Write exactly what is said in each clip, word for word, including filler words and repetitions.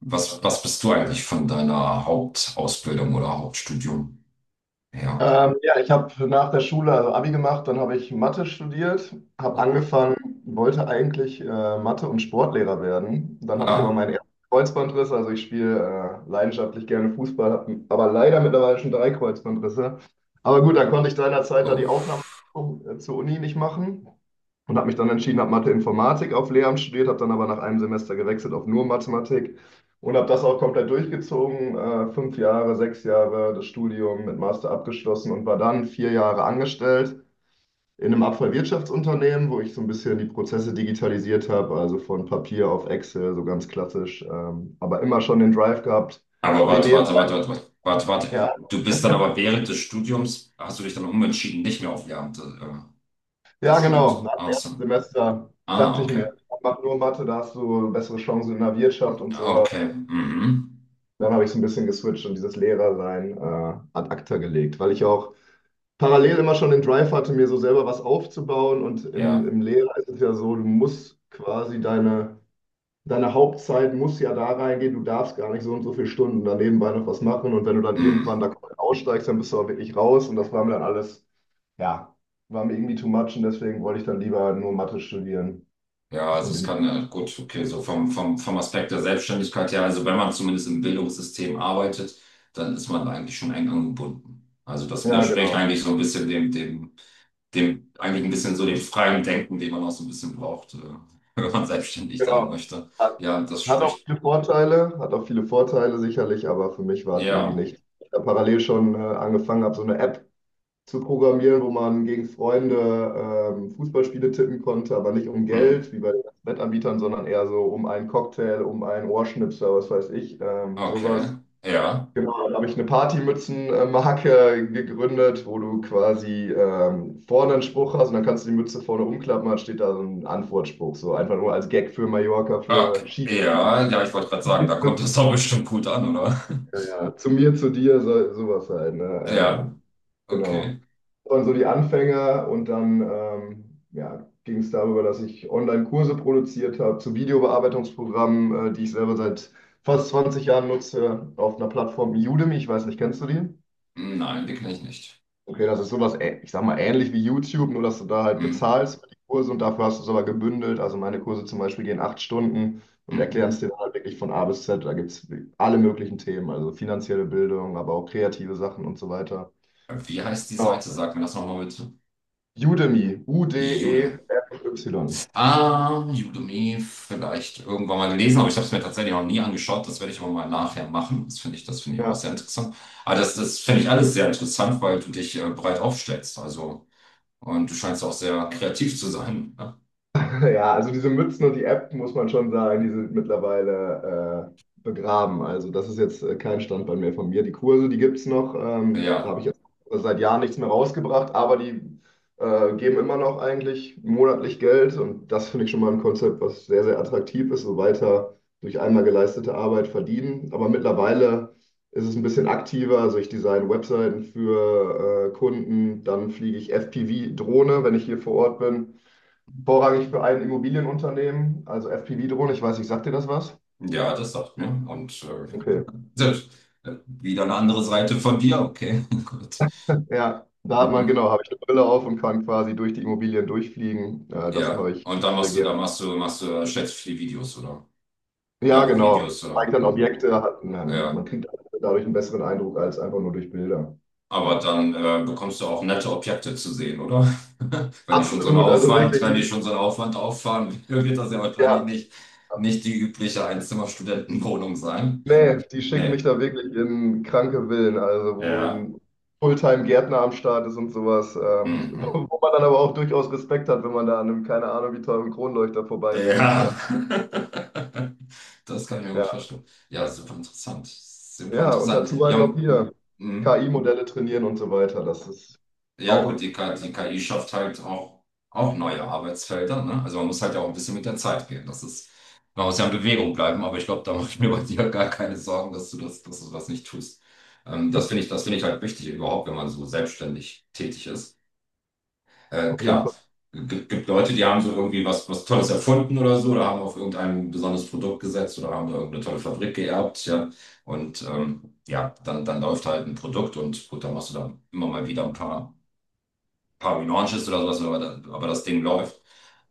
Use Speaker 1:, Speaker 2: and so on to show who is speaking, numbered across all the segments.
Speaker 1: Was, was bist du eigentlich von deiner Hauptausbildung oder Hauptstudium her?
Speaker 2: Ähm, ja, ich habe nach der Schule also Abi gemacht, dann habe ich Mathe studiert, habe
Speaker 1: Oh,
Speaker 2: angefangen, wollte eigentlich äh, Mathe- und Sportlehrer werden. Dann hatte ich aber
Speaker 1: ah,
Speaker 2: meinen ersten Kreuzbandriss, also ich spiele äh, leidenschaftlich gerne Fußball, habe aber leider mittlerweile schon drei Kreuzbandrisse. Aber gut, dann konnte ich seinerzeit da die
Speaker 1: oh.
Speaker 2: Aufnahme äh, zur Uni nicht machen und habe mich dann entschieden, habe Mathe-Informatik auf Lehramt studiert, habe dann aber nach einem Semester gewechselt auf nur Mathematik. Und habe das auch komplett durchgezogen, äh, fünf Jahre, sechs Jahre das Studium mit Master abgeschlossen und war dann vier Jahre angestellt in einem Abfallwirtschaftsunternehmen, wo ich so ein bisschen die Prozesse digitalisiert habe, also von Papier auf Excel, so ganz klassisch, ähm, aber immer schon den Drive gehabt.
Speaker 1: Aber
Speaker 2: Mir
Speaker 1: warte, warte,
Speaker 2: nebenbei,
Speaker 1: warte, warte, warte, warte, warte.
Speaker 2: ja.
Speaker 1: Du bist dann aber während des Studiums, hast du dich dann umentschieden, nicht mehr auf Lehramt, äh, das
Speaker 2: Ja,
Speaker 1: Studium zu
Speaker 2: genau,
Speaker 1: machen?
Speaker 2: nach
Speaker 1: Ach
Speaker 2: dem
Speaker 1: so.
Speaker 2: ersten Semester
Speaker 1: Ah,
Speaker 2: dachte ich mir,
Speaker 1: okay.
Speaker 2: mach nur Mathe, da hast du bessere Chancen in der Wirtschaft und sowas.
Speaker 1: Okay. Mhm.
Speaker 2: Dann habe ich so ein bisschen geswitcht und dieses Lehrersein äh, ad acta gelegt, weil ich auch parallel immer schon den Drive hatte, mir so selber was aufzubauen. Und im,
Speaker 1: Ja.
Speaker 2: im Lehrer ist es ja so, du musst quasi deine, deine Hauptzeit muss ja da reingehen, du darfst gar nicht so und so viele Stunden da nebenbei noch was machen. Und wenn du dann irgendwann
Speaker 1: Mhm.
Speaker 2: da komplett aussteigst, dann bist du auch wirklich raus. Und das war mir dann alles, ja, war mir irgendwie too much. Und deswegen wollte ich dann lieber nur Mathe studieren.
Speaker 1: Ja, also
Speaker 2: Und
Speaker 1: es
Speaker 2: in die,
Speaker 1: kann, äh, gut, okay, so vom, vom, vom Aspekt der Selbstständigkeit her, also wenn man zumindest im Bildungssystem arbeitet, dann ist man eigentlich schon eng angebunden. Also das
Speaker 2: ja,
Speaker 1: widerspricht
Speaker 2: genau.
Speaker 1: eigentlich so ein bisschen dem, dem, dem eigentlich ein bisschen so dem freien Denken, den man auch so ein bisschen braucht, äh, wenn man selbstständig sein
Speaker 2: Genau.
Speaker 1: möchte.
Speaker 2: Hat,
Speaker 1: Ja, das
Speaker 2: hat auch
Speaker 1: spricht,
Speaker 2: viele Vorteile, hat auch viele Vorteile sicherlich, aber für mich war es irgendwie
Speaker 1: ja,
Speaker 2: nicht. Ich habe parallel schon äh, angefangen, habe so eine App zu programmieren, wo man gegen Freunde ähm, Fußballspiele tippen konnte, aber nicht um
Speaker 1: hm,
Speaker 2: Geld, wie bei den Wettanbietern, sondern eher so um einen Cocktail, um einen Ohrschnipser, was weiß ich, ähm,
Speaker 1: okay,
Speaker 2: sowas.
Speaker 1: ja,
Speaker 2: Genau, da habe ich eine Partymützenmarke gegründet, wo du quasi ähm, vorne einen Spruch hast und dann kannst du die Mütze vorne umklappen, dann steht da so ein Antwortspruch, so einfach nur als Gag für Mallorca, für
Speaker 1: okay,
Speaker 2: Ski.
Speaker 1: ja, ja, ich wollte gerade sagen, da kommt das doch bestimmt gut an, oder?
Speaker 2: Ja, ja. Zu mir, zu dir, so, sowas halt, ne?
Speaker 1: Ja,
Speaker 2: Ähm, genau,
Speaker 1: okay.
Speaker 2: waren so die Anfänge, und dann ähm, ja, ging es darüber, dass ich Online-Kurse produziert habe zu Videobearbeitungsprogrammen, äh, die ich selber seit fast zwanzig Jahren nutze, auf einer Plattform wie Udemy. Ich weiß nicht, kennst du die?
Speaker 1: Nein, die kenne ich nicht.
Speaker 2: Okay, das ist sowas, ä- ich sag mal, ähnlich wie YouTube, nur dass du da halt
Speaker 1: Hm,
Speaker 2: bezahlst für die Kurse und dafür hast du es aber gebündelt. Also meine Kurse zum Beispiel gehen acht Stunden und
Speaker 1: hm.
Speaker 2: erklären es dir dann halt wirklich von A bis Z. Da gibt es alle möglichen Themen, also finanzielle Bildung, aber auch kreative Sachen und so weiter.
Speaker 1: Wie heißt die Seite? Sag mir das nochmal bitte.
Speaker 2: Udemy,
Speaker 1: Judem.
Speaker 2: U-D-E-M-Y.
Speaker 1: Ah, Udemy vielleicht irgendwann mal gelesen, aber ich habe es mir tatsächlich noch nie angeschaut. Das werde ich aber mal nachher machen. Das finde ich, das finde ich auch sehr
Speaker 2: Ja.
Speaker 1: interessant. Aber das, das finde ich alles sehr interessant, weil du dich äh, breit aufstellst. Also, und du scheinst auch sehr kreativ zu sein, ne?
Speaker 2: Ja, also diese Mützen und die App, muss man schon sagen, die sind mittlerweile äh, begraben. Also das ist jetzt äh, kein Standbein mehr von mir. Die Kurse, die gibt es noch. Ähm, da habe
Speaker 1: Ja,
Speaker 2: ich jetzt seit Jahren nichts mehr rausgebracht, aber die äh, geben immer noch eigentlich monatlich Geld. Und das finde ich schon mal ein Konzept, was sehr, sehr attraktiv ist, so weiter durch einmal geleistete Arbeit verdienen. Aber mittlerweile ist es ein bisschen aktiver. Also ich design Webseiten für äh, Kunden, dann fliege ich F P V-Drohne, wenn ich hier vor Ort bin, vorrangig für ein Immobilienunternehmen, also F P V-Drohne. Ich weiß nicht, sagt dir das was?
Speaker 1: ja, das sagt mir. Und äh,
Speaker 2: Okay.
Speaker 1: selbst, äh, wieder eine andere Seite von dir. Okay, gut.
Speaker 2: Ja, da hat man,
Speaker 1: Mhm.
Speaker 2: genau, habe ich eine Brille auf und kann quasi durch die Immobilien durchfliegen. Äh, das
Speaker 1: Ja.
Speaker 2: mache ich
Speaker 1: Und dann
Speaker 2: sehr
Speaker 1: machst du, da
Speaker 2: gerne.
Speaker 1: machst du, machst du, stellst du viele Videos oder?
Speaker 2: Ja,
Speaker 1: Ja,
Speaker 2: genau.
Speaker 1: Videos
Speaker 2: Zeigt
Speaker 1: oder.
Speaker 2: dann
Speaker 1: Hm.
Speaker 2: Objekte, hat, man,
Speaker 1: Ja.
Speaker 2: man kriegt dadurch einen besseren Eindruck als einfach nur durch Bilder.
Speaker 1: Aber
Speaker 2: Ja.
Speaker 1: dann äh, bekommst du auch nette Objekte zu sehen, oder? Wenn ich schon so einen
Speaker 2: Absolut, also
Speaker 1: Aufwand,
Speaker 2: wirklich
Speaker 1: wenn ich
Speaker 2: die,
Speaker 1: schon so einen Aufwand auffahren will, wird das ja wahrscheinlich
Speaker 2: ja.
Speaker 1: nicht, nicht die übliche Einzimmer-Studentenwohnung sein.
Speaker 2: Nee, die schicken
Speaker 1: Nee,
Speaker 2: mich da wirklich in kranke Villen, also wo
Speaker 1: ja.
Speaker 2: ein Fulltime-Gärtner am Start ist und sowas, ähm,
Speaker 1: Mhm.
Speaker 2: wo wo man dann aber auch durchaus Respekt hat, wenn man da an einem, keine Ahnung, wie teuren Kronleuchter vorbeifliegt. Äh,
Speaker 1: Ja. Das kann ich mir gut
Speaker 2: ja.
Speaker 1: verstehen. Ja, super interessant. Super
Speaker 2: Ja, und
Speaker 1: interessant.
Speaker 2: dazu halt
Speaker 1: Ja,
Speaker 2: noch
Speaker 1: m-
Speaker 2: hier
Speaker 1: m-
Speaker 2: K I-Modelle trainieren und so weiter. Das ist
Speaker 1: Ja gut,
Speaker 2: auch
Speaker 1: die K I, die K I schafft halt auch, auch neue Arbeitsfelder, ne? Also man muss halt ja auch ein bisschen mit der Zeit gehen. Das ist, man muss ja in Bewegung bleiben, aber ich glaube, da mache ich mir bei dir gar keine Sorgen, dass du das, dass du das nicht tust. Ähm, das finde ich, das finde ich halt wichtig überhaupt, wenn man so selbstständig tätig ist. Äh,
Speaker 2: auf jeden
Speaker 1: klar,
Speaker 2: Fall.
Speaker 1: gibt, gibt Leute, die haben so irgendwie was, was Tolles erfunden oder so, oder haben auf irgendein besonderes Produkt gesetzt oder haben da irgendeine tolle Fabrik geerbt, ja. Und ähm, ja, dann, dann läuft halt ein Produkt und gut, dann machst du da immer mal wieder ein paar paar Relaunches oder sowas, aber, da- aber das Ding läuft.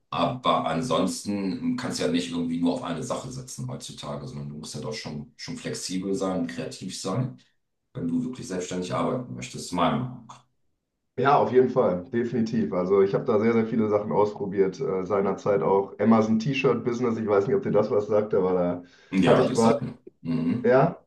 Speaker 1: Aber ansonsten kannst du ja nicht irgendwie nur auf eine Sache setzen heutzutage, sondern du musst ja doch schon, schon flexibel sein, kreativ sein, wenn du wirklich selbstständig arbeiten möchtest, meiner Meinung nach.
Speaker 2: Ja, auf jeden Fall, definitiv. Also ich habe da sehr, sehr viele Sachen ausprobiert. Äh, seinerzeit auch Amazon T-Shirt-Business. Ich weiß nicht, ob dir das was sagt, aber da hatte
Speaker 1: Ja,
Speaker 2: ich
Speaker 1: das
Speaker 2: quasi,
Speaker 1: sagt man. Mhm.
Speaker 2: ja.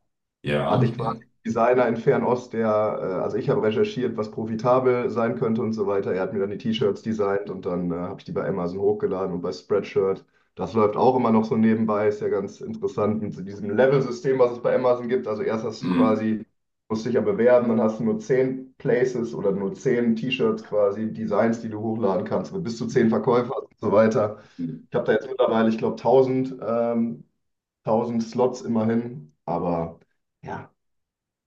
Speaker 2: Hatte
Speaker 1: Ja,
Speaker 2: ich quasi
Speaker 1: ja.
Speaker 2: einen Designer in Fernost, der, äh, also ich habe recherchiert, was profitabel sein könnte und so weiter. Er hat mir dann die T-Shirts designt und dann äh, habe ich die bei Amazon hochgeladen und bei Spreadshirt. Das läuft auch immer noch so nebenbei, ist ja ganz interessant mit so diesem Level-System, was es bei Amazon gibt. Also erst hast du
Speaker 1: Mhm.
Speaker 2: quasi, musst dich ja bewerben, dann hast du nur zehn Places oder nur zehn T-Shirts quasi, Designs, die du hochladen kannst, mit bis zu zehn Verkäufer und so weiter.
Speaker 1: Mhm.
Speaker 2: Ich habe da jetzt mittlerweile, ich glaube, tausend ähm, tausend Slots immerhin, aber. Ja,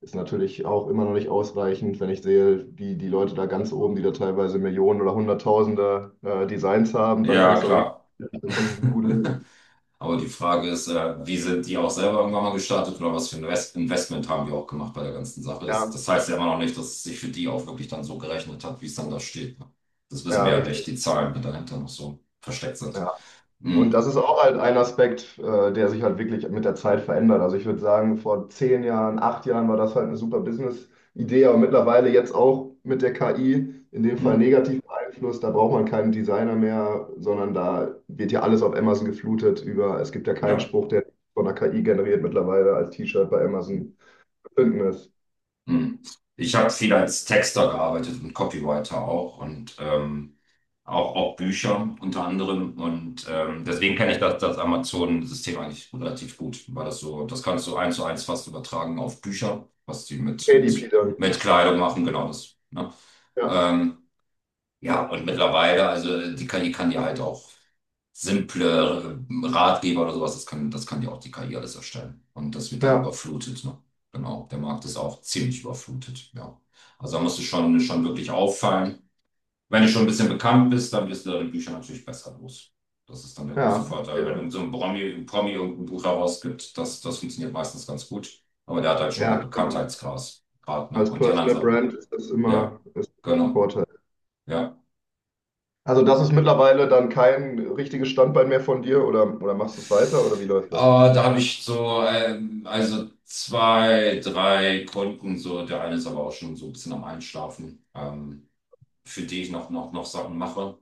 Speaker 2: ist natürlich auch immer noch nicht ausreichend, wenn ich sehe, die, die Leute da ganz oben, die da teilweise Millionen oder Hunderttausende äh, Designs haben, dann
Speaker 1: Ja,
Speaker 2: kannst du auch
Speaker 1: klar.
Speaker 2: irgendwie davon gut leben.
Speaker 1: Aber die Frage ist, äh, wie sind die auch selber irgendwann mal gestartet oder was für ein Invest- Investment haben die auch gemacht bei der ganzen Sache? Das,
Speaker 2: Ja,
Speaker 1: das heißt ja immer noch nicht, dass es sich für die auch wirklich dann so gerechnet hat, wie es dann da steht. Ne? Das wissen
Speaker 2: ja,
Speaker 1: wir ja nicht,
Speaker 2: richtig.
Speaker 1: die Zahlen, die dahinter noch so versteckt sind.
Speaker 2: Ja. Und
Speaker 1: Hm,
Speaker 2: das ist auch halt ein Aspekt, äh, der sich halt wirklich mit der Zeit verändert. Also ich würde sagen, vor zehn Jahren, acht Jahren war das halt eine super Business-Idee, aber mittlerweile jetzt auch mit der K I in dem
Speaker 1: hm,
Speaker 2: Fall negativ beeinflusst. Da braucht man keinen Designer mehr, sondern da wird ja alles auf Amazon geflutet über, es gibt ja keinen
Speaker 1: ja.
Speaker 2: Spruch, der von der K I generiert mittlerweile als T-Shirt bei
Speaker 1: Hm.
Speaker 2: Amazon zu finden ist.
Speaker 1: Hm. Ich habe viel als Texter gearbeitet und Copywriter auch und ähm, auch, auch Bücher unter anderem. Und ähm, deswegen kenne ich das, das Amazon-System eigentlich relativ gut, weil das so, das kannst du eins zu eins fast übertragen auf Bücher, was die mit,
Speaker 2: K D P
Speaker 1: mit,
Speaker 2: dann.
Speaker 1: mit Kleidung machen, genau das. Ne?
Speaker 2: Ja,
Speaker 1: Ähm, ja, und mittlerweile, also die K I kann dir halt auch simple äh, Ratgeber oder sowas, das kann, das kann dir auch die K I alles erstellen. Und das wird dann
Speaker 2: ja,
Speaker 1: überflutet, ne? Genau, der Markt ist auch ziemlich überflutet, ja. Also da musst du schon, schon wirklich auffallen. Wenn du schon ein bisschen bekannt bist, dann wirst du deine Bücher natürlich besser los. Das ist dann der große
Speaker 2: ja.
Speaker 1: Vorteil. Wenn
Speaker 2: Okay.
Speaker 1: irgend so ein Promi, ein Promi irgendein Buch herausgibt, das, das funktioniert meistens ganz gut. Aber der hat halt schon so
Speaker 2: Ja,
Speaker 1: einen
Speaker 2: klar.
Speaker 1: Bekanntheitsgrad, Grad, ne?
Speaker 2: Als
Speaker 1: Und die anderen
Speaker 2: Personal
Speaker 1: so.
Speaker 2: Brand ist das
Speaker 1: Ja,
Speaker 2: immer, ist immer ein
Speaker 1: genau.
Speaker 2: Vorteil.
Speaker 1: Ja.
Speaker 2: Also das ist mittlerweile dann kein richtiges Standbein mehr von dir, oder, oder, machst du es weiter, oder wie läuft
Speaker 1: Äh,
Speaker 2: das?
Speaker 1: da habe ich so, ähm, also zwei, drei Kunden, so, der eine ist aber auch schon so ein bisschen am Einschlafen, ähm, für die ich noch, noch, noch Sachen mache.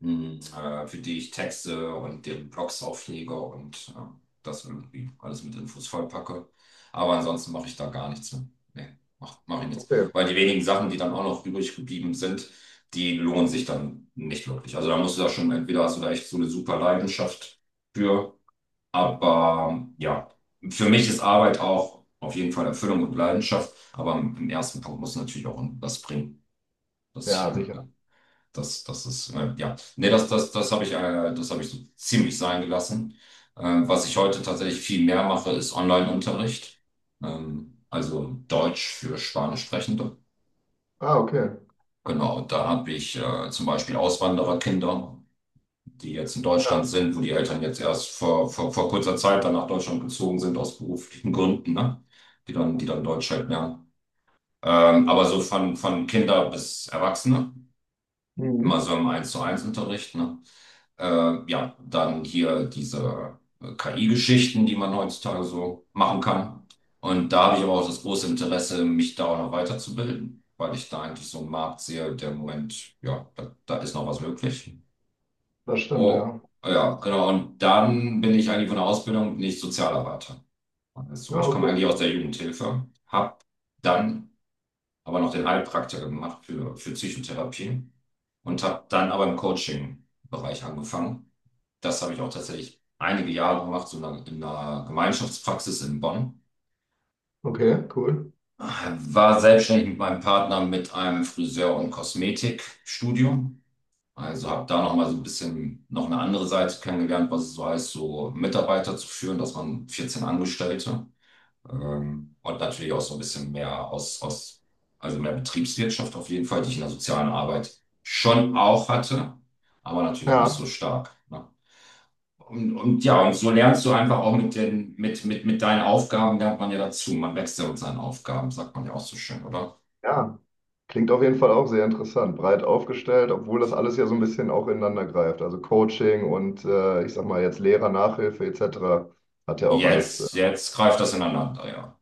Speaker 1: Mhm. Äh, für die ich Texte und den Blogs auflege und äh, das irgendwie alles mit Infos vollpacke. Aber ansonsten mache ich da gar nichts mehr. Nee, mach, mach ich nichts.
Speaker 2: Okay.
Speaker 1: Weil die wenigen Sachen, die dann auch noch übrig geblieben sind, die lohnen sich dann nicht wirklich. Also da musst du da schon, entweder hast du da echt so eine super Leidenschaft für, aber ja, für mich ist Arbeit auch auf jeden Fall Erfüllung und Leidenschaft, aber im im ersten Punkt muss natürlich auch was bringen. Das
Speaker 2: Ja, sicher.
Speaker 1: Das, das ist, äh, ja, nee, das, das, das habe ich, äh, das habe ich so ziemlich sein gelassen. Äh, was ich heute tatsächlich viel mehr mache, ist Online-Unterricht. Ähm, also Deutsch für Spanischsprechende.
Speaker 2: Ah, okay.
Speaker 1: Genau, da habe ich äh, zum Beispiel Auswandererkinder, die jetzt in Deutschland
Speaker 2: Ja.
Speaker 1: sind, wo die Eltern jetzt erst vor, vor, vor kurzer Zeit dann nach Deutschland gezogen sind, aus beruflichen Gründen, ne? Die dann, die dann Deutsch halt lernen. Ähm, aber so von, von Kinder bis Erwachsene, immer
Speaker 2: Mhm.
Speaker 1: so im Eins zu eins Unterricht, ne? Äh, ja, dann hier diese äh, K I-Geschichten, die man heutzutage so machen kann. Und da habe ich aber auch das große Interesse, mich da auch noch weiterzubilden, weil ich da eigentlich so einen Markt sehe, der im Moment, ja, da, da ist noch was möglich.
Speaker 2: Das stimmt,
Speaker 1: Oh,
Speaker 2: ja.
Speaker 1: ja, genau. Und dann bin ich eigentlich von der Ausbildung nicht Sozialarbeiter. Also
Speaker 2: Ah,
Speaker 1: ich komme eigentlich
Speaker 2: okay.
Speaker 1: aus der Jugendhilfe, habe dann aber noch den Heilpraktiker gemacht für, für Psychotherapie und habe dann aber im Coaching-Bereich angefangen. Das habe ich auch tatsächlich einige Jahre gemacht, so in einer, in einer Gemeinschaftspraxis in Bonn.
Speaker 2: Okay, cool.
Speaker 1: War selbstständig mit meinem Partner mit einem Friseur- und Kosmetikstudio. Also habe da noch mal so ein bisschen noch eine andere Seite kennengelernt, was es so heißt, so Mitarbeiter zu führen, dass man vierzehn Angestellte ähm, und natürlich auch so ein bisschen mehr aus, aus, also mehr Betriebswirtschaft auf jeden Fall, die ich in der sozialen Arbeit schon auch hatte, aber natürlich nicht so
Speaker 2: Ja,
Speaker 1: stark. Ne? Und, und ja, und so lernst du einfach auch mit den, mit, mit, mit deinen Aufgaben lernt man ja dazu. Man wächst ja mit seinen Aufgaben, sagt man ja auch so schön, oder?
Speaker 2: ja. Klingt auf jeden Fall auch sehr interessant, breit aufgestellt, obwohl das alles ja so ein bisschen auch ineinander greift. Also Coaching und äh, ich sag mal jetzt Lehrer, Nachhilfe et cetera hat ja auch alles äh,
Speaker 1: Jetzt, jetzt greift das ineinander, ja.